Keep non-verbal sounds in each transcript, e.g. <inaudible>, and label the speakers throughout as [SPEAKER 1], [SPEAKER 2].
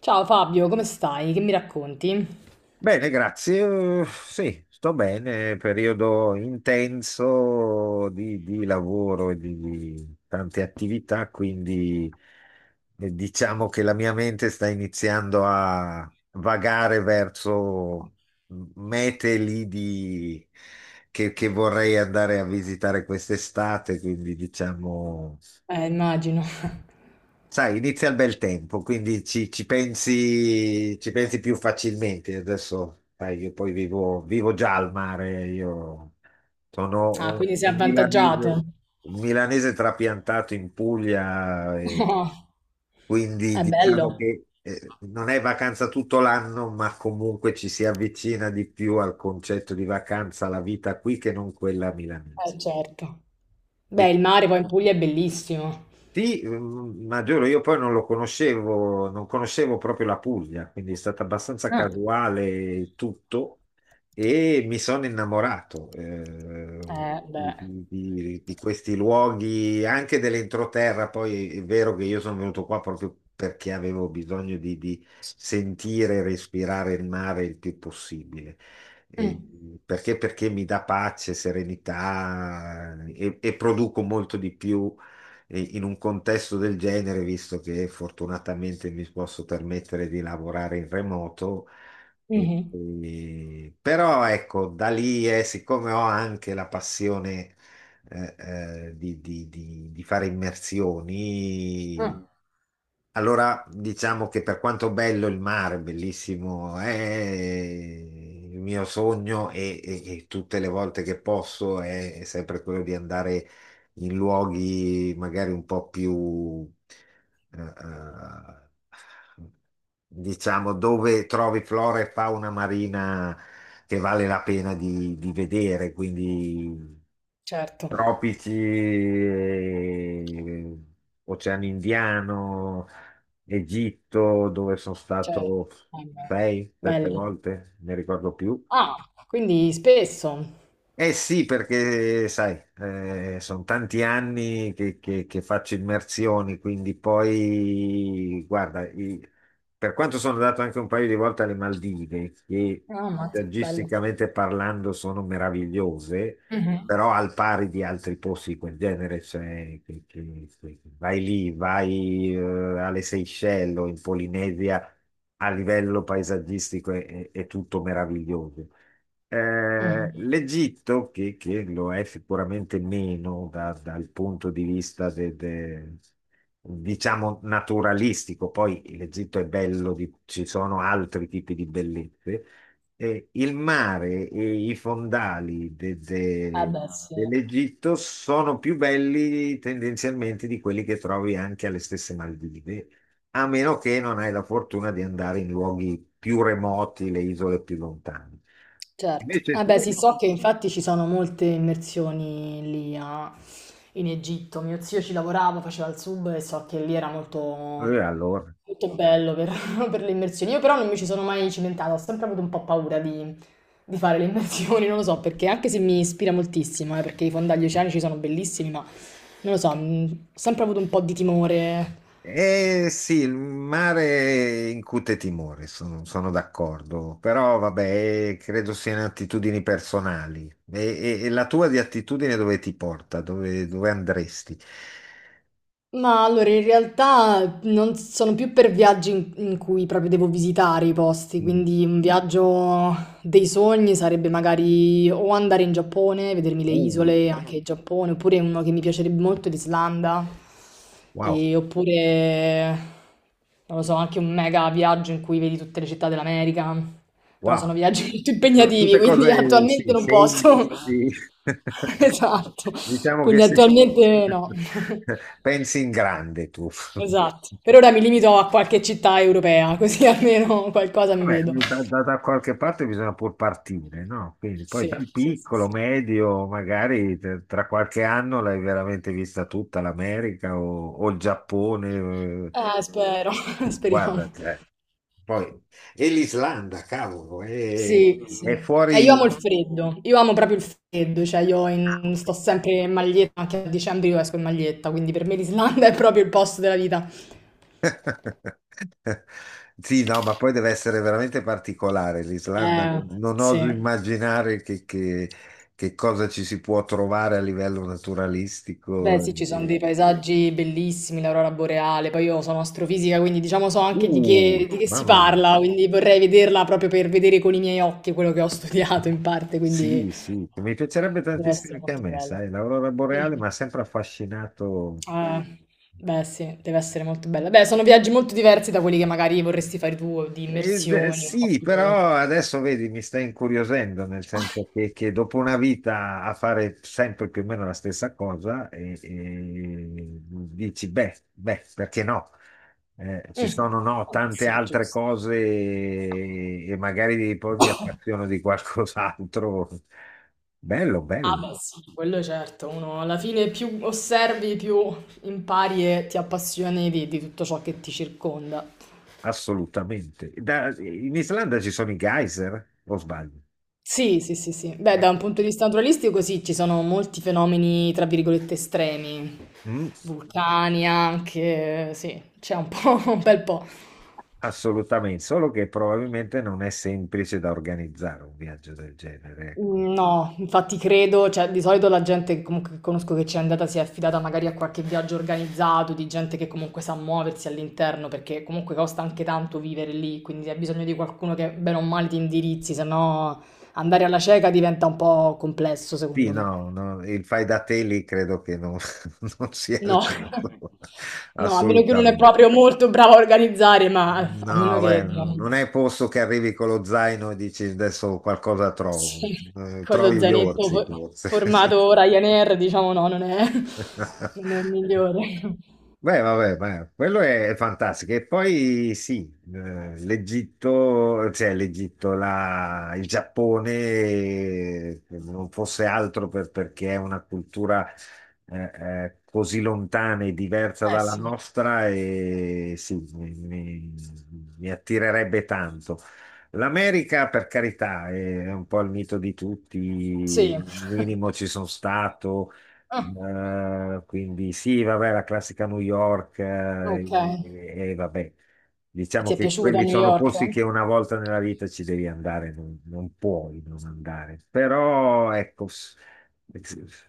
[SPEAKER 1] Ciao Fabio, come stai? Che mi racconti?
[SPEAKER 2] Bene, grazie. Sì, Sto bene. Periodo intenso di lavoro e di tante attività, quindi diciamo che la mia mente sta iniziando a vagare verso mete lì di- che vorrei andare a visitare quest'estate, quindi diciamo.
[SPEAKER 1] Immagino. <laughs>
[SPEAKER 2] Sai, inizia il bel tempo, quindi ci pensi, ci pensi più facilmente. Adesso, sai, io poi vivo già al mare, io sono
[SPEAKER 1] Ah,
[SPEAKER 2] un,
[SPEAKER 1] quindi sei
[SPEAKER 2] un milanese,
[SPEAKER 1] avvantaggiato.
[SPEAKER 2] un milanese trapiantato in Puglia, e
[SPEAKER 1] <laughs>
[SPEAKER 2] quindi
[SPEAKER 1] È
[SPEAKER 2] diciamo
[SPEAKER 1] bello.
[SPEAKER 2] che non è vacanza tutto l'anno, ma comunque ci si avvicina di più al concetto di vacanza, la vita qui che non quella milanese.
[SPEAKER 1] Certo. Beh, il mare poi in Puglia è bellissimo.
[SPEAKER 2] Sì, mm, ma giuro, io poi non lo conoscevo, non conoscevo proprio la Puglia, quindi è stato abbastanza
[SPEAKER 1] Ah.
[SPEAKER 2] casuale tutto, e mi sono innamorato di,
[SPEAKER 1] Beh.
[SPEAKER 2] di questi luoghi, anche dell'entroterra. Poi è vero che io sono venuto qua proprio perché avevo bisogno di sentire e respirare il mare il più possibile. Eh,
[SPEAKER 1] Mm.
[SPEAKER 2] perché mi dà pace, serenità, e produco molto di più in un contesto del genere, visto che fortunatamente mi posso permettere di lavorare in remoto.
[SPEAKER 1] Mhm.
[SPEAKER 2] Però ecco, da lì, siccome ho anche la passione, eh, di fare immersioni,
[SPEAKER 1] Ah.
[SPEAKER 2] allora diciamo che per quanto bello il mare, bellissimo, è il mio sogno, e tutte le volte che posso è sempre quello di andare in luoghi magari un po' più, eh, eh, diciamo, dove trovi flora e fauna marina che vale la pena di vedere, quindi
[SPEAKER 1] Certo,
[SPEAKER 2] tropici, Oceano Indiano, Egitto, dove sono
[SPEAKER 1] certo.
[SPEAKER 2] stato
[SPEAKER 1] Eh beh,
[SPEAKER 2] sei, sette
[SPEAKER 1] bello.
[SPEAKER 2] volte, ne ricordo più.
[SPEAKER 1] Ah, quindi spesso.
[SPEAKER 2] Eh sì, perché sai, sono tanti anni che faccio immersioni, quindi poi, guarda, per quanto sono andato anche un paio di volte alle Maldive, che
[SPEAKER 1] Ah, ammazza, bello.
[SPEAKER 2] paesaggisticamente parlando sono meravigliose,
[SPEAKER 1] Mhm,
[SPEAKER 2] però al pari di altri posti di quel genere, cioè vai lì, vai, alle Seychelles o in Polinesia, a livello paesaggistico è tutto meraviglioso.
[SPEAKER 1] mhm.
[SPEAKER 2] l'Egitto, che lo è sicuramente meno dal punto di vista diciamo naturalistico, poi l'Egitto è bello, ci sono altri tipi di bellezze, il mare e i fondali
[SPEAKER 1] Eh beh, sì,
[SPEAKER 2] dell'Egitto sono più belli tendenzialmente di quelli che trovi anche alle stesse Maldive, a meno che non hai la fortuna di andare in luoghi più remoti, le isole più lontane.
[SPEAKER 1] certo.
[SPEAKER 2] Invece
[SPEAKER 1] Eh beh,
[SPEAKER 2] tu?
[SPEAKER 1] sì, so che infatti ci sono molte immersioni lì in Egitto. Mio zio ci lavorava, faceva il sub e so che lì era molto
[SPEAKER 2] Allora.
[SPEAKER 1] molto bello per, <laughs> per le immersioni. Io però non mi ci sono mai cimentata, ho sempre avuto un po' paura di fare le immersioni, non lo so, perché anche se mi ispira moltissimo, perché i fondagli oceanici sono bellissimi, ma non lo so, ho sempre avuto un po' di timore.
[SPEAKER 2] Eh sì, il mare incute timore, sono, sono d'accordo, però vabbè, credo siano attitudini personali. E, e la tua di attitudine dove ti porta? Dove, dove andresti?
[SPEAKER 1] Ma allora, in realtà non sono più per viaggi in cui proprio devo visitare i posti,
[SPEAKER 2] Mm.
[SPEAKER 1] quindi un viaggio dei sogni sarebbe magari o andare in Giappone, vedermi le
[SPEAKER 2] Uh,
[SPEAKER 1] isole, anche il Giappone, oppure uno che mi piacerebbe molto, l'Islanda,
[SPEAKER 2] wow,
[SPEAKER 1] e oppure, non lo so, anche un mega viaggio in cui vedi tutte le città dell'America, però sono
[SPEAKER 2] wow.
[SPEAKER 1] viaggi <laughs> molto
[SPEAKER 2] No,
[SPEAKER 1] impegnativi,
[SPEAKER 2] tutte
[SPEAKER 1] quindi
[SPEAKER 2] cose,
[SPEAKER 1] attualmente
[SPEAKER 2] sì,
[SPEAKER 1] non posso. <laughs>
[SPEAKER 2] semplici. <laughs>
[SPEAKER 1] Esatto,
[SPEAKER 2] Diciamo che
[SPEAKER 1] quindi
[SPEAKER 2] sì.
[SPEAKER 1] attualmente no.
[SPEAKER 2] <laughs> Pensi in grande tu.
[SPEAKER 1] Esatto. Per ora
[SPEAKER 2] <laughs>
[SPEAKER 1] mi limito a qualche città europea, così <laughs> almeno qualcosa mi
[SPEAKER 2] Vabbè,
[SPEAKER 1] vedo.
[SPEAKER 2] mm, da, da qualche parte bisogna pur partire, no? Quindi poi
[SPEAKER 1] Sì,
[SPEAKER 2] dal
[SPEAKER 1] sì, sì,
[SPEAKER 2] piccolo,
[SPEAKER 1] sì.
[SPEAKER 2] medio, magari tra qualche anno l'hai veramente vista tutta l'America o il Giappone,
[SPEAKER 1] Spero, <laughs> speriamo.
[SPEAKER 2] guarda, cioè, poi, e l'Islanda, cavolo,
[SPEAKER 1] Sì, sì.
[SPEAKER 2] è
[SPEAKER 1] Io amo il
[SPEAKER 2] fuori.
[SPEAKER 1] freddo, io amo proprio il freddo, cioè io sto
[SPEAKER 2] <laughs>
[SPEAKER 1] sempre in maglietta, anche a dicembre io esco in maglietta, quindi per me l'Islanda <laughs> è proprio il posto della vita.
[SPEAKER 2] Sì, no, ma poi deve essere veramente particolare l'Islanda,
[SPEAKER 1] Eh,
[SPEAKER 2] non oso
[SPEAKER 1] sì.
[SPEAKER 2] immaginare che, che cosa ci si può trovare a livello
[SPEAKER 1] Beh,
[SPEAKER 2] naturalistico.
[SPEAKER 1] sì, ci sono dei
[SPEAKER 2] Eh,
[SPEAKER 1] paesaggi bellissimi, l'aurora boreale, poi io sono astrofisica, quindi diciamo so anche di
[SPEAKER 2] uh,
[SPEAKER 1] che, di che si
[SPEAKER 2] mamma mia.
[SPEAKER 1] parla, quindi vorrei vederla proprio per vedere con i miei occhi quello che ho <laughs> studiato in parte, quindi
[SPEAKER 2] Sì, sì, mi piacerebbe
[SPEAKER 1] deve
[SPEAKER 2] tantissimo
[SPEAKER 1] essere
[SPEAKER 2] anche a
[SPEAKER 1] molto
[SPEAKER 2] me,
[SPEAKER 1] bello.
[SPEAKER 2] sai, l'aurora boreale
[SPEAKER 1] Sì.
[SPEAKER 2] mi ha sempre affascinato.
[SPEAKER 1] Eh, beh, sì, deve essere molto bella. Beh, sono viaggi molto diversi da quelli che magari vorresti fare tu, di immersioni, un po'
[SPEAKER 2] Sì,
[SPEAKER 1] più.
[SPEAKER 2] però adesso vedi, mi sta incuriosendo, nel senso
[SPEAKER 1] <laughs>
[SPEAKER 2] che dopo una vita a fare sempre più o meno la stessa cosa, e dici, beh, beh, perché no? Ci
[SPEAKER 1] Mm,
[SPEAKER 2] sono, no,
[SPEAKER 1] vabbè,
[SPEAKER 2] tante
[SPEAKER 1] sì,
[SPEAKER 2] altre
[SPEAKER 1] giusto.
[SPEAKER 2] cose, e magari poi mi appassiono di qualcos'altro. Bello,
[SPEAKER 1] Ah,
[SPEAKER 2] bello.
[SPEAKER 1] beh, sì, quello è certo. Uno alla fine più osservi, più impari e ti appassioni di tutto ciò che ti circonda.
[SPEAKER 2] Assolutamente. In Islanda ci sono i geyser, o sbaglio?
[SPEAKER 1] Sì, sì, sì, sì. Beh, da
[SPEAKER 2] Eh,
[SPEAKER 1] un punto di vista naturalistico, sì, ci sono molti fenomeni, tra virgolette, estremi.
[SPEAKER 2] mm,
[SPEAKER 1] Vulcani anche, sì, c'è un po', <laughs> un bel po'.
[SPEAKER 2] assolutamente, solo che probabilmente non è semplice da organizzare un viaggio del genere, ecco.
[SPEAKER 1] Mm, no, infatti credo, cioè di solito la gente comunque che conosco che ci è andata si è affidata magari a qualche viaggio organizzato, di gente che comunque sa muoversi all'interno, perché comunque costa anche tanto vivere lì, quindi hai bisogno di qualcuno che bene o male ti indirizzi, se no andare alla cieca diventa un po' complesso
[SPEAKER 2] Sì,
[SPEAKER 1] secondo me.
[SPEAKER 2] no, no, il fai da te lì credo che non, <laughs> non sia il
[SPEAKER 1] No,
[SPEAKER 2] caso,
[SPEAKER 1] <laughs> no, a meno che non è
[SPEAKER 2] assolutamente.
[SPEAKER 1] proprio molto bravo a organizzare, ma a meno
[SPEAKER 2] No, beh,
[SPEAKER 1] che
[SPEAKER 2] no,
[SPEAKER 1] diciamo,
[SPEAKER 2] non è posto che arrivi con lo zaino e dici adesso qualcosa
[SPEAKER 1] sì,
[SPEAKER 2] trovo.
[SPEAKER 1] con lo
[SPEAKER 2] Trovi gli
[SPEAKER 1] zainetto
[SPEAKER 2] orsi, forse.
[SPEAKER 1] formato Ryanair, diciamo no, non è il
[SPEAKER 2] <laughs>
[SPEAKER 1] migliore.
[SPEAKER 2] Beh, vabbè, beh, quello è fantastico. E poi sì, l'Egitto, cioè l'Egitto, il Giappone, non fosse altro perché è una cultura eh, così lontana e diversa
[SPEAKER 1] Eh
[SPEAKER 2] dalla
[SPEAKER 1] sì,
[SPEAKER 2] nostra, e sì, mi attirerebbe tanto. L'America, per carità, è un po' il mito di tutti,
[SPEAKER 1] sì.
[SPEAKER 2] minimo
[SPEAKER 1] <laughs>
[SPEAKER 2] ci sono stato.
[SPEAKER 1] Mh,
[SPEAKER 2] Quindi sì, vabbè, la classica New York,
[SPEAKER 1] okay.
[SPEAKER 2] e vabbè,
[SPEAKER 1] E
[SPEAKER 2] diciamo
[SPEAKER 1] ti è
[SPEAKER 2] che
[SPEAKER 1] piaciuta
[SPEAKER 2] quelli
[SPEAKER 1] New
[SPEAKER 2] sono
[SPEAKER 1] York?
[SPEAKER 2] posti che una volta nella vita ci devi andare, non, non puoi non andare. Però ecco,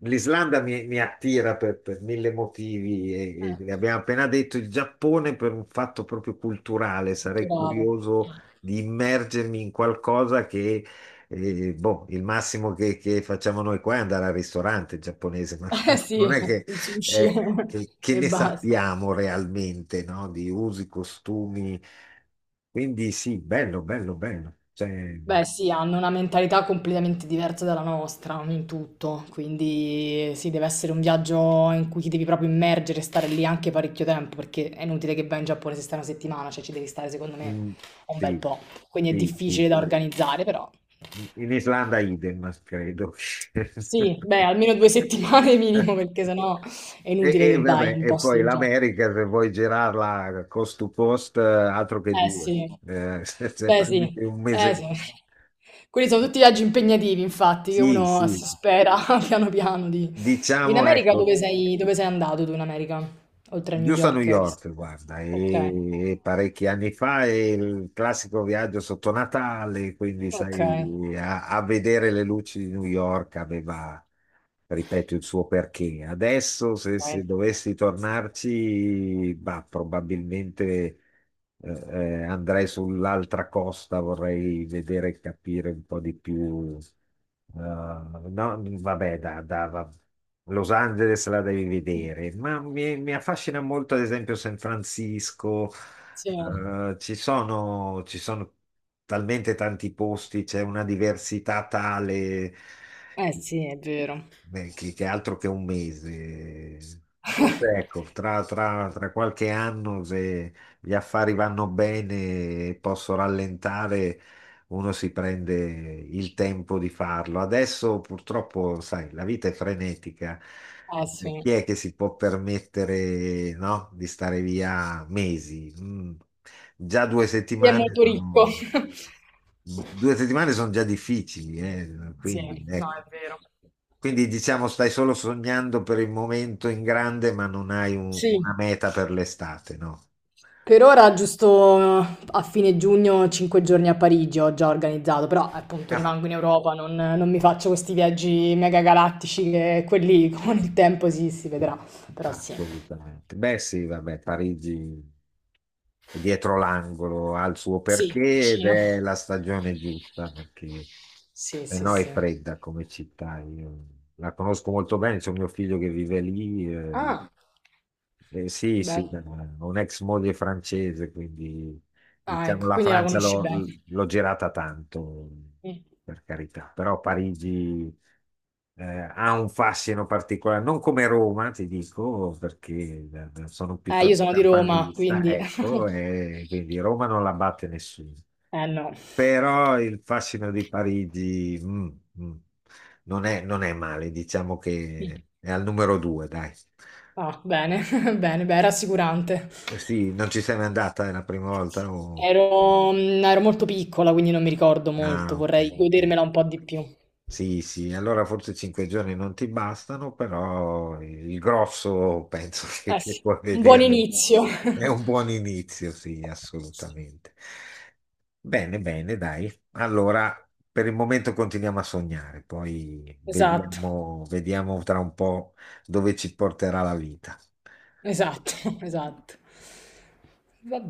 [SPEAKER 2] l'Islanda mi, mi attira per mille motivi,
[SPEAKER 1] Eh,
[SPEAKER 2] e abbiamo appena detto il Giappone per un fatto proprio culturale, sarei
[SPEAKER 1] culturale. Mh.
[SPEAKER 2] curioso di immergermi in qualcosa che, e, boh, il massimo che facciamo noi qua è andare al ristorante giapponese, <laughs> ma
[SPEAKER 1] <laughs>
[SPEAKER 2] non,
[SPEAKER 1] Sì,
[SPEAKER 2] non è che,
[SPEAKER 1] il sushi
[SPEAKER 2] che-
[SPEAKER 1] <laughs>
[SPEAKER 2] che
[SPEAKER 1] e
[SPEAKER 2] ne
[SPEAKER 1] basta.
[SPEAKER 2] sappiamo realmente, no? Di usi, costumi. Quindi sì, bello, bello, bello. Cioè,
[SPEAKER 1] Beh sì, hanno una mentalità completamente diversa dalla nostra in tutto, quindi sì, deve essere un viaggio in cui ti devi proprio immergere, e stare lì anche parecchio tempo, perché è inutile che vai in Giappone se stai una settimana, cioè ci devi stare secondo me
[SPEAKER 2] mm,
[SPEAKER 1] un bel
[SPEAKER 2] sì,
[SPEAKER 1] po'. Quindi è
[SPEAKER 2] sì,
[SPEAKER 1] difficile
[SPEAKER 2] sì.
[SPEAKER 1] da organizzare. Però
[SPEAKER 2] In Islanda idem, credo.
[SPEAKER 1] sì, beh,
[SPEAKER 2] <laughs>
[SPEAKER 1] almeno 2
[SPEAKER 2] E,
[SPEAKER 1] settimane <laughs> minimo, perché sennò è inutile che vai in
[SPEAKER 2] vabbè,
[SPEAKER 1] un
[SPEAKER 2] e
[SPEAKER 1] posto
[SPEAKER 2] poi
[SPEAKER 1] del genere.
[SPEAKER 2] l'America, se vuoi girarla cost to cost, altro che
[SPEAKER 1] Eh
[SPEAKER 2] due.
[SPEAKER 1] sì,
[SPEAKER 2] <laughs> Se, se
[SPEAKER 1] beh sì,
[SPEAKER 2] prendete un
[SPEAKER 1] eh sì.
[SPEAKER 2] mese,
[SPEAKER 1] Quelli sono tutti viaggi impegnativi, infatti, che
[SPEAKER 2] sì,
[SPEAKER 1] uno si
[SPEAKER 2] sì,
[SPEAKER 1] spera <laughs> piano piano di. In
[SPEAKER 2] diciamo,
[SPEAKER 1] America
[SPEAKER 2] ecco,
[SPEAKER 1] dove sei, andato tu in America? Oltre a New
[SPEAKER 2] giusto a New
[SPEAKER 1] York, hai visto?
[SPEAKER 2] York, guarda,
[SPEAKER 1] Ok,
[SPEAKER 2] e parecchi anni fa è il classico viaggio sotto Natale, quindi
[SPEAKER 1] ok,
[SPEAKER 2] sai, a vedere le luci di New York aveva, ripeto, il suo perché. Adesso, se, se
[SPEAKER 1] ok.
[SPEAKER 2] dovessi tornarci, bah, probabilmente, andrei sull'altra costa, vorrei vedere e capire un po' di più. No, vabbè, Los Angeles la devi vedere, ma mi affascina molto, ad esempio, San Francisco.
[SPEAKER 1] Sì.
[SPEAKER 2] Ci sono talmente tanti posti, c'è una diversità tale.
[SPEAKER 1] Eh sì, è vero.
[SPEAKER 2] Beh, che altro che un mese. Forse ecco, tra, tra qualche anno, se gli affari vanno bene e posso rallentare, uno si prende il tempo di farlo. Adesso purtroppo, sai, la vita è frenetica.
[SPEAKER 1] Eh sì.
[SPEAKER 2] Chi è che si può permettere, no, di stare via mesi? Mm. Già
[SPEAKER 1] Chi è molto ricco. <laughs>
[SPEAKER 2] 2 settimane sono già difficili,
[SPEAKER 1] Sì,
[SPEAKER 2] quindi
[SPEAKER 1] no,
[SPEAKER 2] ecco.
[SPEAKER 1] è vero.
[SPEAKER 2] Quindi diciamo stai solo sognando per il momento in grande, ma non hai una
[SPEAKER 1] Sì.
[SPEAKER 2] meta per l'estate, no?
[SPEAKER 1] Per ora, giusto a fine giugno, 5 giorni a Parigi ho già organizzato, però appunto
[SPEAKER 2] Ah,
[SPEAKER 1] rimango in Europa, non mi faccio questi viaggi mega galattici che quelli <laughs> con il tempo sì, si vedrà, però sì.
[SPEAKER 2] assolutamente. Beh, sì, vabbè, Parigi è dietro l'angolo, ha il suo
[SPEAKER 1] Sì,
[SPEAKER 2] perché ed
[SPEAKER 1] vicino.
[SPEAKER 2] è la stagione giusta, perché
[SPEAKER 1] Sì,
[SPEAKER 2] se
[SPEAKER 1] sì,
[SPEAKER 2] no è
[SPEAKER 1] sì.
[SPEAKER 2] fredda come città. Io la conosco molto bene, c'è un mio figlio che vive lì.
[SPEAKER 1] Ah,
[SPEAKER 2] Sì, sì,
[SPEAKER 1] bello.
[SPEAKER 2] ho un'ex moglie francese, quindi
[SPEAKER 1] Ah,
[SPEAKER 2] diciamo,
[SPEAKER 1] ecco,
[SPEAKER 2] la
[SPEAKER 1] quindi la
[SPEAKER 2] Francia
[SPEAKER 1] conosci bene.
[SPEAKER 2] l'ho girata tanto,
[SPEAKER 1] Mm.
[SPEAKER 2] per carità, però Parigi eh, ha un fascino particolare, non come Roma, ti dico, perché sono
[SPEAKER 1] Io
[SPEAKER 2] piuttosto
[SPEAKER 1] sono di Roma,
[SPEAKER 2] campanilista,
[SPEAKER 1] quindi.
[SPEAKER 2] ecco,
[SPEAKER 1] <laughs>
[SPEAKER 2] e quindi Roma non la batte nessuno.
[SPEAKER 1] Eh no.
[SPEAKER 2] Però il fascino di Parigi, mm, non è, non è male, diciamo che è al numero due, dai.
[SPEAKER 1] Ah, bene, <laughs> bene, beh, rassicurante.
[SPEAKER 2] Eh sì, non ci sei mai andata, è la prima volta? O-
[SPEAKER 1] Ero molto piccola, quindi non mi ricordo
[SPEAKER 2] ah,
[SPEAKER 1] molto,
[SPEAKER 2] ok.
[SPEAKER 1] vorrei
[SPEAKER 2] Ok.
[SPEAKER 1] godermela un po' di più.
[SPEAKER 2] Sì, sì, allora forse 5 giorni non ti bastano, però il grosso penso <laughs>
[SPEAKER 1] Eh
[SPEAKER 2] che
[SPEAKER 1] sì,
[SPEAKER 2] puoi
[SPEAKER 1] un buon
[SPEAKER 2] vederlo.
[SPEAKER 1] inizio.
[SPEAKER 2] È un
[SPEAKER 1] <laughs>
[SPEAKER 2] buon inizio, sì,
[SPEAKER 1] Sì,
[SPEAKER 2] assolutamente. Bene, bene, dai. Allora, per il momento continuiamo a sognare, poi
[SPEAKER 1] esatto,
[SPEAKER 2] vediamo, vediamo tra un po' dove ci porterà la vita.
[SPEAKER 1] esatto, <laughs> esatto. Va